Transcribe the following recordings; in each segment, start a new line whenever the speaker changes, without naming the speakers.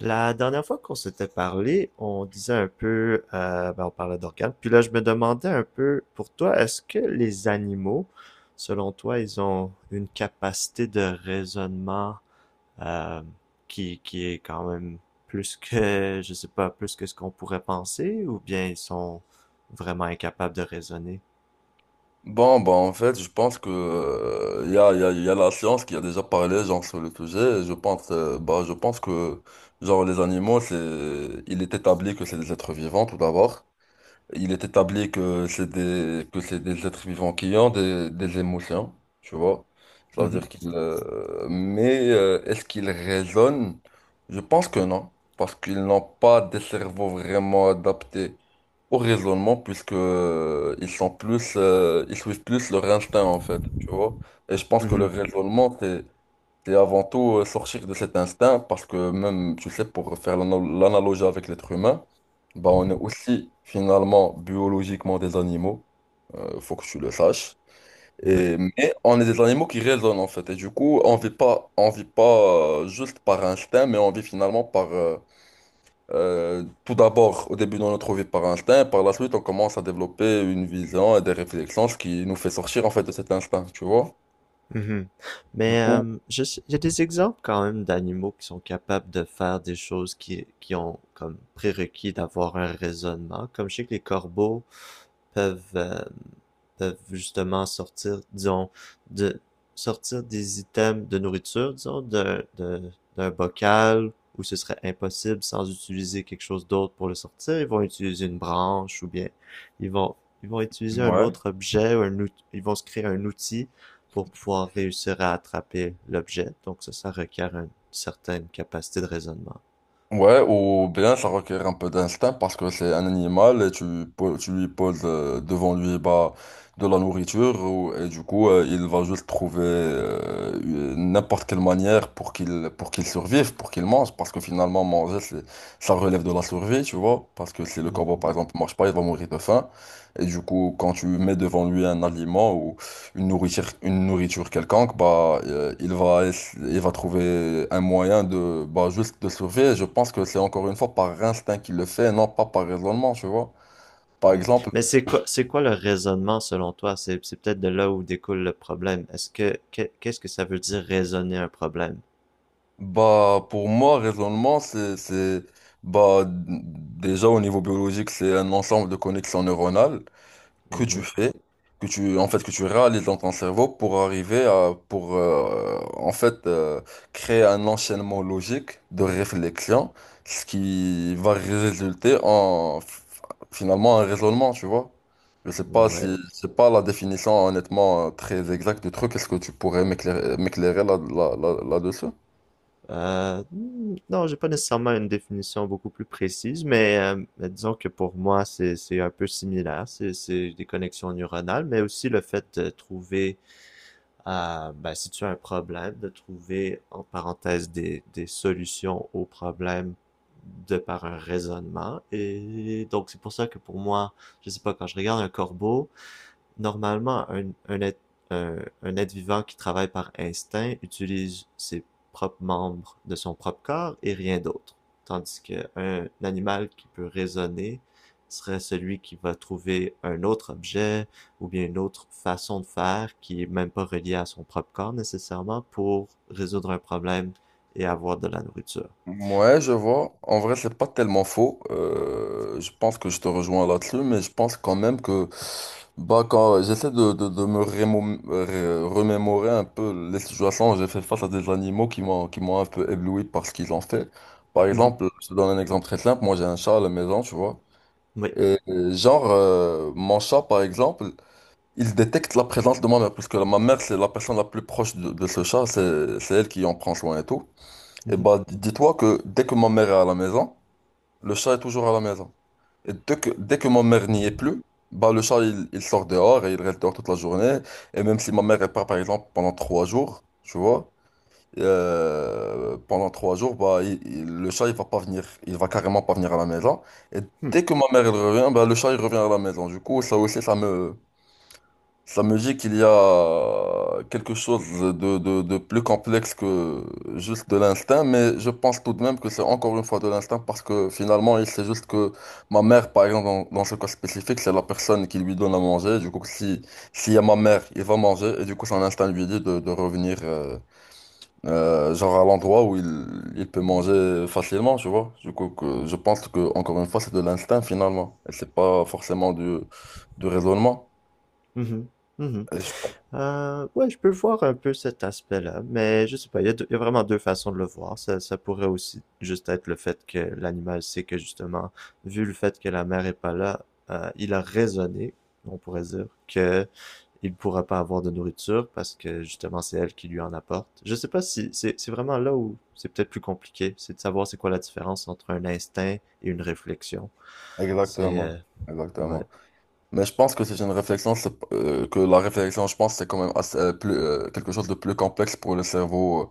La dernière fois qu'on s'était parlé, on disait un peu, on parlait d'organes. Puis là, je me demandais un peu, pour toi, est-ce que les animaux, selon toi, ils ont une capacité de raisonnement euh, qui est quand même plus que, je sais pas, plus que ce qu'on pourrait penser, ou bien ils sont vraiment incapables de raisonner?
Bon, bah en fait, je pense que y a la science qui a déjà parlé genre sur le sujet. Et bah, je pense que genre les animaux, il est établi que c'est des êtres vivants tout d'abord. Il est établi que c'est des êtres vivants qui ont des émotions, tu vois. Ça veut
Mhm.
dire qu'ils, mais est-ce qu'ils raisonnent? Je pense que non, parce qu'ils n'ont pas des cerveaux vraiment adaptés au raisonnement, puisque ils suivent plus leur instinct, en fait, tu vois. Et je pense que le
Mhm.
raisonnement, c'est avant tout sortir de cet instinct parce que même, tu sais, pour faire l'analogie avec l'être humain, bah on est aussi finalement biologiquement des animaux, faut que tu le saches.
Oui.
Mais on est des animaux qui raisonnent en fait. Et du coup, on vit pas juste par instinct, mais on vit finalement tout d'abord, au début de notre vie par instinct, et par la suite, on commence à développer une vision et des réflexions, ce qui nous fait sortir en fait de cet instinct, tu vois?
Mhm.
Du
Mais
coup,
il y a des exemples quand même d'animaux qui sont capables de faire des choses qui ont comme prérequis d'avoir un raisonnement. Comme je sais que les corbeaux peuvent, peuvent justement sortir, disons, de sortir des items de nourriture, disons, d'un bocal où ce serait impossible sans utiliser quelque chose d'autre pour le sortir. Ils vont utiliser une branche ou bien ils vont ils vont utiliser un
ouais.
autre objet ou ils vont se créer un outil pour pouvoir réussir à attraper l'objet. Donc ça requiert une certaine capacité de raisonnement.
Ouais, ou bien ça requiert un peu d'instinct parce que c'est un animal et tu lui poses devant lui bah, de la nourriture et du coup il va juste trouver n'importe quelle manière pour qu'il survive, pour qu'il mange parce que finalement manger ça relève de la survie, tu vois, parce que si le corbeau
Mhm.
par exemple marche pas, il va mourir de faim et du coup quand tu mets devant lui un aliment une nourriture quelconque, bah, il va trouver un moyen bah, juste de survivre. Je pense que c'est encore une fois par instinct qu'il le fait, non pas par raisonnement, tu vois. Par
Hmm.
exemple,
Mais c'est quoi le raisonnement selon toi? C'est peut-être de là où découle le problème. Qu'est-ce que ça veut dire raisonner un problème?
bah, pour moi, raisonnement, c'est, bah, déjà au niveau biologique, c'est un ensemble de connexions neuronales. Que tu
Mhm.
fais, en fait, que tu réalises dans ton cerveau pour arriver à, en fait, créer un enchaînement logique de réflexion, ce qui va résulter en, finalement, un raisonnement, tu vois. Je sais pas si,
Ouais.
c'est pas la définition, honnêtement, très exacte du truc. Est-ce que tu pourrais m'éclairer là-dessus?
Non, j'ai pas nécessairement une définition beaucoup plus précise, mais disons que pour moi, c'est un peu similaire. C'est des connexions neuronales, mais aussi le fait de trouver à, ben, si tu as un problème, de trouver, en parenthèse, des solutions au problème de par un raisonnement. Et donc, c'est pour ça que pour moi, je sais pas, quand je regarde un corbeau, normalement, un être un un être vivant qui travaille par instinct utilise ses propres membres de son propre corps et rien d'autre, tandis que un animal qui peut raisonner serait celui qui va trouver un autre objet ou bien une autre façon de faire qui est même pas reliée à son propre corps nécessairement pour résoudre un problème et avoir de la nourriture.
Ouais, je vois. En vrai, c'est pas tellement faux. Je pense que je te rejoins là-dessus, mais je pense quand même que bah quand j'essaie de me remémorer un peu les situations où j'ai fait face à des animaux qui m'ont un peu ébloui par ce qu'ils ont fait. Par
Mhm.
exemple, je te donne un exemple très simple. Moi, j'ai un chat à la maison, tu vois.
Oui.
Et genre, mon chat, par exemple, il détecte la présence de ma mère, puisque ma mère, c'est la personne la plus proche de ce chat. C'est elle qui en prend soin et tout. Et
Mhm.
bah, dis-toi que dès que ma mère est à la maison, le chat est toujours à la maison. Et dès que ma mère n'y est plus, bah, le chat, il sort dehors et il reste dehors toute la journée. Et même si ma mère est pas, par exemple, pendant 3 jours, tu vois, pendant 3 jours, bah, le chat, il va pas venir. Il va carrément pas venir à la maison. Et dès que ma mère, elle revient, bah, le chat, il revient à la maison. Du coup, ça aussi, ça me, la musique, il y a quelque chose de plus complexe que juste de l'instinct, mais je pense tout de même que c'est encore une fois de l'instinct parce que finalement, il sait juste que ma mère, par exemple, dans ce cas spécifique, c'est la personne qui lui donne à manger. Du coup, si, s'il y a ma mère, il va manger et du coup, son instinct lui dit de revenir, genre à l'endroit où il peut manger facilement, tu vois. Du coup, je pense que, encore une fois, c'est de l'instinct finalement et c'est pas forcément du raisonnement.
Mhm. Mhm. Mhm.
Et je pense
Ouais, je peux voir un peu cet aspect-là, mais je sais pas, il y a, il y a vraiment deux façons de le voir. Ça pourrait aussi juste être le fait que l'animal sait que justement, vu le fait que la mère est pas là, il a raisonné, on pourrait dire, que il pourra pas avoir de nourriture parce que justement c'est elle qui lui en apporte. Je sais pas si c'est vraiment là où c'est peut-être plus compliqué, c'est de savoir c'est quoi la différence entre un instinct et une réflexion. C'est
Exactement,
ouais.
exactement. Mais je pense que c'est une réflexion, que la réflexion, je pense, c'est quand même assez, plus, quelque chose de plus complexe pour le cerveau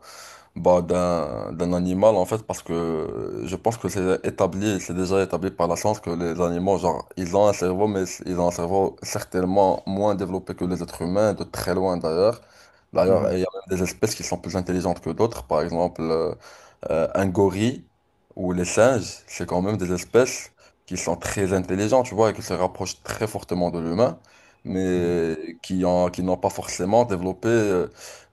bah, d'un animal, en fait, parce que je pense que c'est déjà établi par la science que les animaux, genre, ils ont un cerveau, mais ils ont un cerveau certainement moins développé que les êtres humains, de très loin d'ailleurs. D'ailleurs,
Mhm.
il y a même des espèces qui sont plus intelligentes que d'autres, par exemple. Un gorille ou les singes, c'est quand même des espèces qui sont très intelligentes, tu vois, et qui se rapprochent très fortement de l'humain,
Mhm.
mais qui n'ont pas forcément développé euh,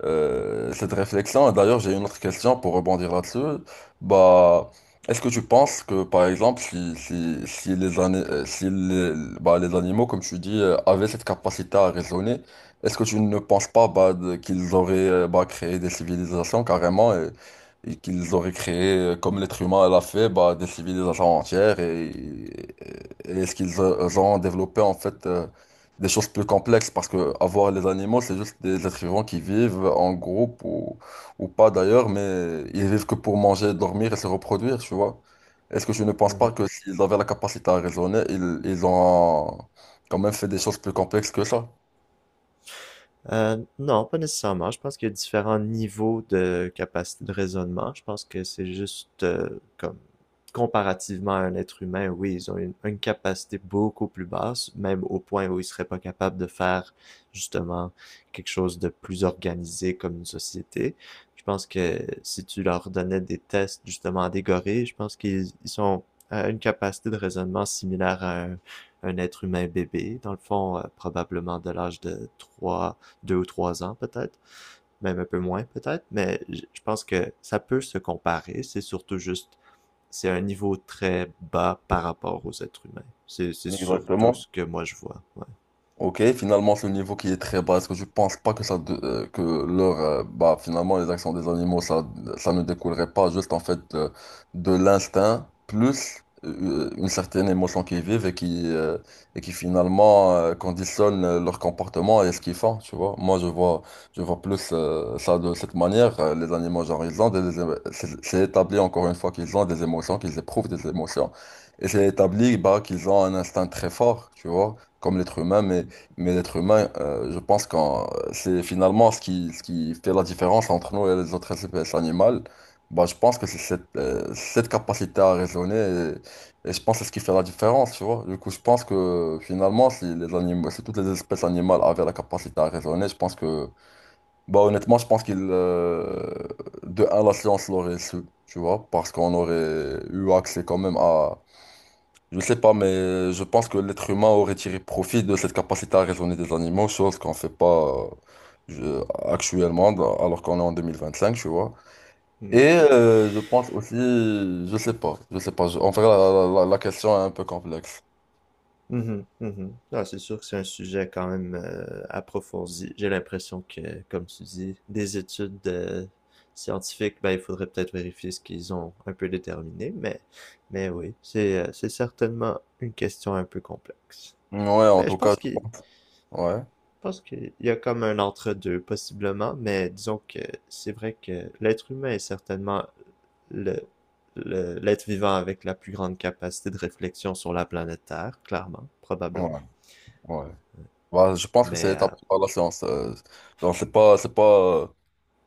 euh, cette réflexion. Et d'ailleurs, j'ai une autre question pour rebondir là-dessus. Bah, est-ce que tu penses que, par exemple, si bah, les animaux, comme tu dis, avaient cette capacité à raisonner, est-ce que tu ne penses pas bah, qu'ils auraient créé des civilisations carrément? Et qu'ils auraient créé, comme l'être humain l'a fait, bah, des civilisations entières et est-ce qu'ils ont développé en fait des choses plus complexes parce que avoir les animaux, c'est juste des êtres vivants qui vivent en groupe ou pas d'ailleurs, mais ils vivent que pour manger, dormir et se reproduire, tu vois. Est-ce que je ne pense pas
Mhm.
que s'ils avaient la capacité à raisonner, ils ont quand même fait des choses plus complexes que ça?
Non, pas nécessairement. Je pense qu'il y a différents niveaux de capacité de raisonnement. Je pense que c'est juste comme comparativement à un être humain, oui, ils ont une capacité beaucoup plus basse, même au point où ils seraient pas capables de faire justement quelque chose de plus organisé comme une société. Je pense que si tu leur donnais des tests justement à des gorilles, je pense qu'ils sont à une capacité de raisonnement similaire à un être humain bébé, dans le fond, probablement de l'âge de 3 deux ou trois ans peut-être, même un peu moins peut-être, mais je pense que ça peut se comparer. C'est surtout juste, c'est un niveau très bas par rapport aux êtres humains. C'est surtout
Exactement.
ce que moi je vois. Ouais.
Ok, finalement, ce niveau qui est très bas, est-ce que je pense pas que ça, bah, finalement, les actions des animaux, ça ne découlerait pas juste, en fait, de l'instinct, plus une certaine émotion qu'ils vivent et et qui finalement, conditionne leur comportement et ce qu'ils font, tu vois. Moi, je vois plus, ça de cette manière. Les animaux, genre, ils ont des c'est établi, encore une fois, qu'ils ont des émotions, qu'ils éprouvent des émotions. Et c'est établi, bah, qu'ils ont un instinct très fort, tu vois, comme l'être humain, mais l'être humain, je pense que c'est finalement ce qui fait la différence entre nous et les autres espèces animales. Bah, je pense que c'est cette capacité à raisonner et je pense que c'est ce qui fait la différence, tu vois. Du coup, je pense que finalement, si toutes les espèces animales avaient la capacité à raisonner, je pense que, bah, honnêtement, je pense de un, la science l'aurait su, tu vois, parce qu'on aurait eu accès quand même à je sais pas, mais je pense que l'être humain aurait tiré profit de cette capacité à raisonner des animaux, chose qu'on fait pas je- actuellement, alors qu'on est en 2025, tu vois.
Mm.
Et je pense aussi, je sais pas, je sais pas, en fait, la question est un peu complexe.
Mm -hmm, mm -hmm. C'est sûr que c'est un sujet quand même approfondi. J'ai l'impression que, comme tu dis, des études scientifiques, ben, il faudrait peut-être vérifier ce qu'ils ont un peu déterminé, mais oui, c'est certainement une question un peu complexe.
Ouais, en
Mais je
tout cas,
pense qu'il
ouais,
Je pense qu'il y a comme un entre-deux, possiblement, mais disons que c'est vrai que l'être humain est certainement le, l'être vivant avec la plus grande capacité de réflexion sur la planète Terre, clairement,
ouais,
probablement.
ouais. Bah, je pense que c'est
Mais
établi par la science. Genre, c'est pas,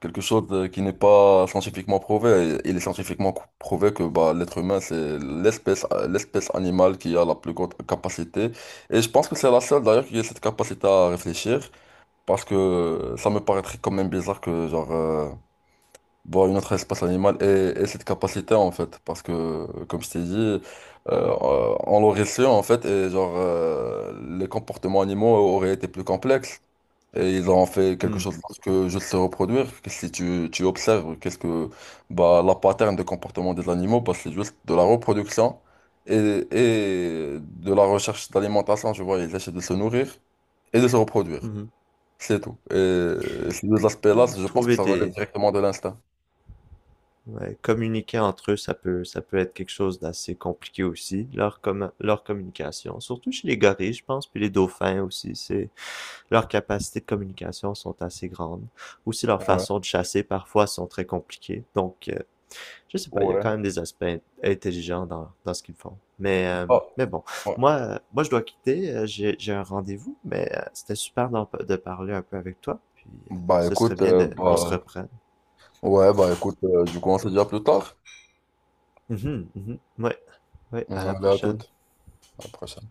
quelque chose qui n'est pas scientifiquement prouvé. Et il est scientifiquement prouvé que bah, l'être humain, c'est l'espèce animale qui a la plus grande capacité. Et je pense que c'est la seule d'ailleurs qui a cette capacité à réfléchir, parce que ça me paraîtrait quand même bizarre que une autre espèce animale ait cette capacité en fait. Parce que, comme je t'ai dit, on l'aurait su en fait, et les comportements animaux auraient été plus complexes. Et ils ont fait quelque
hmm,
chose parce que je sais reproduire. Si tu observes, qu'est-ce que bah, la pattern de comportement des animaux, bah, c'est juste de la reproduction et, et de la recherche d'alimentation. Tu vois, ils essaient de se nourrir et de se reproduire.
mhm.
C'est tout. Et ces deux aspects-là, je pense que
Trouver
ça relève
des...
directement de l'instinct.
ouais, communiquer entre eux, ça peut être quelque chose d'assez compliqué aussi, leur, leur communication. Surtout chez les gorilles, je pense, puis les dauphins aussi, c'est... Leurs capacités de communication sont assez grandes. Aussi, leurs
Ouais,
façons de chasser parfois sont très compliquées. Donc, je sais pas, il y a
ouais.
quand même des aspects intelligents dans, dans ce qu'ils font.
Bah,
Mais bon,
ouais.
moi, je dois quitter. J'ai un rendez-vous, mais c'était super de parler un peu avec toi. Puis,
Bah,
ce serait
écoute,
bien de, qu'on se
bah,
reprenne.
ouais, bah écoute, du coup, on se dit à plus tard.
Mhm, mhm. Ouais, ouais, à la
Allez, à
prochaine.
toute. À la prochaine.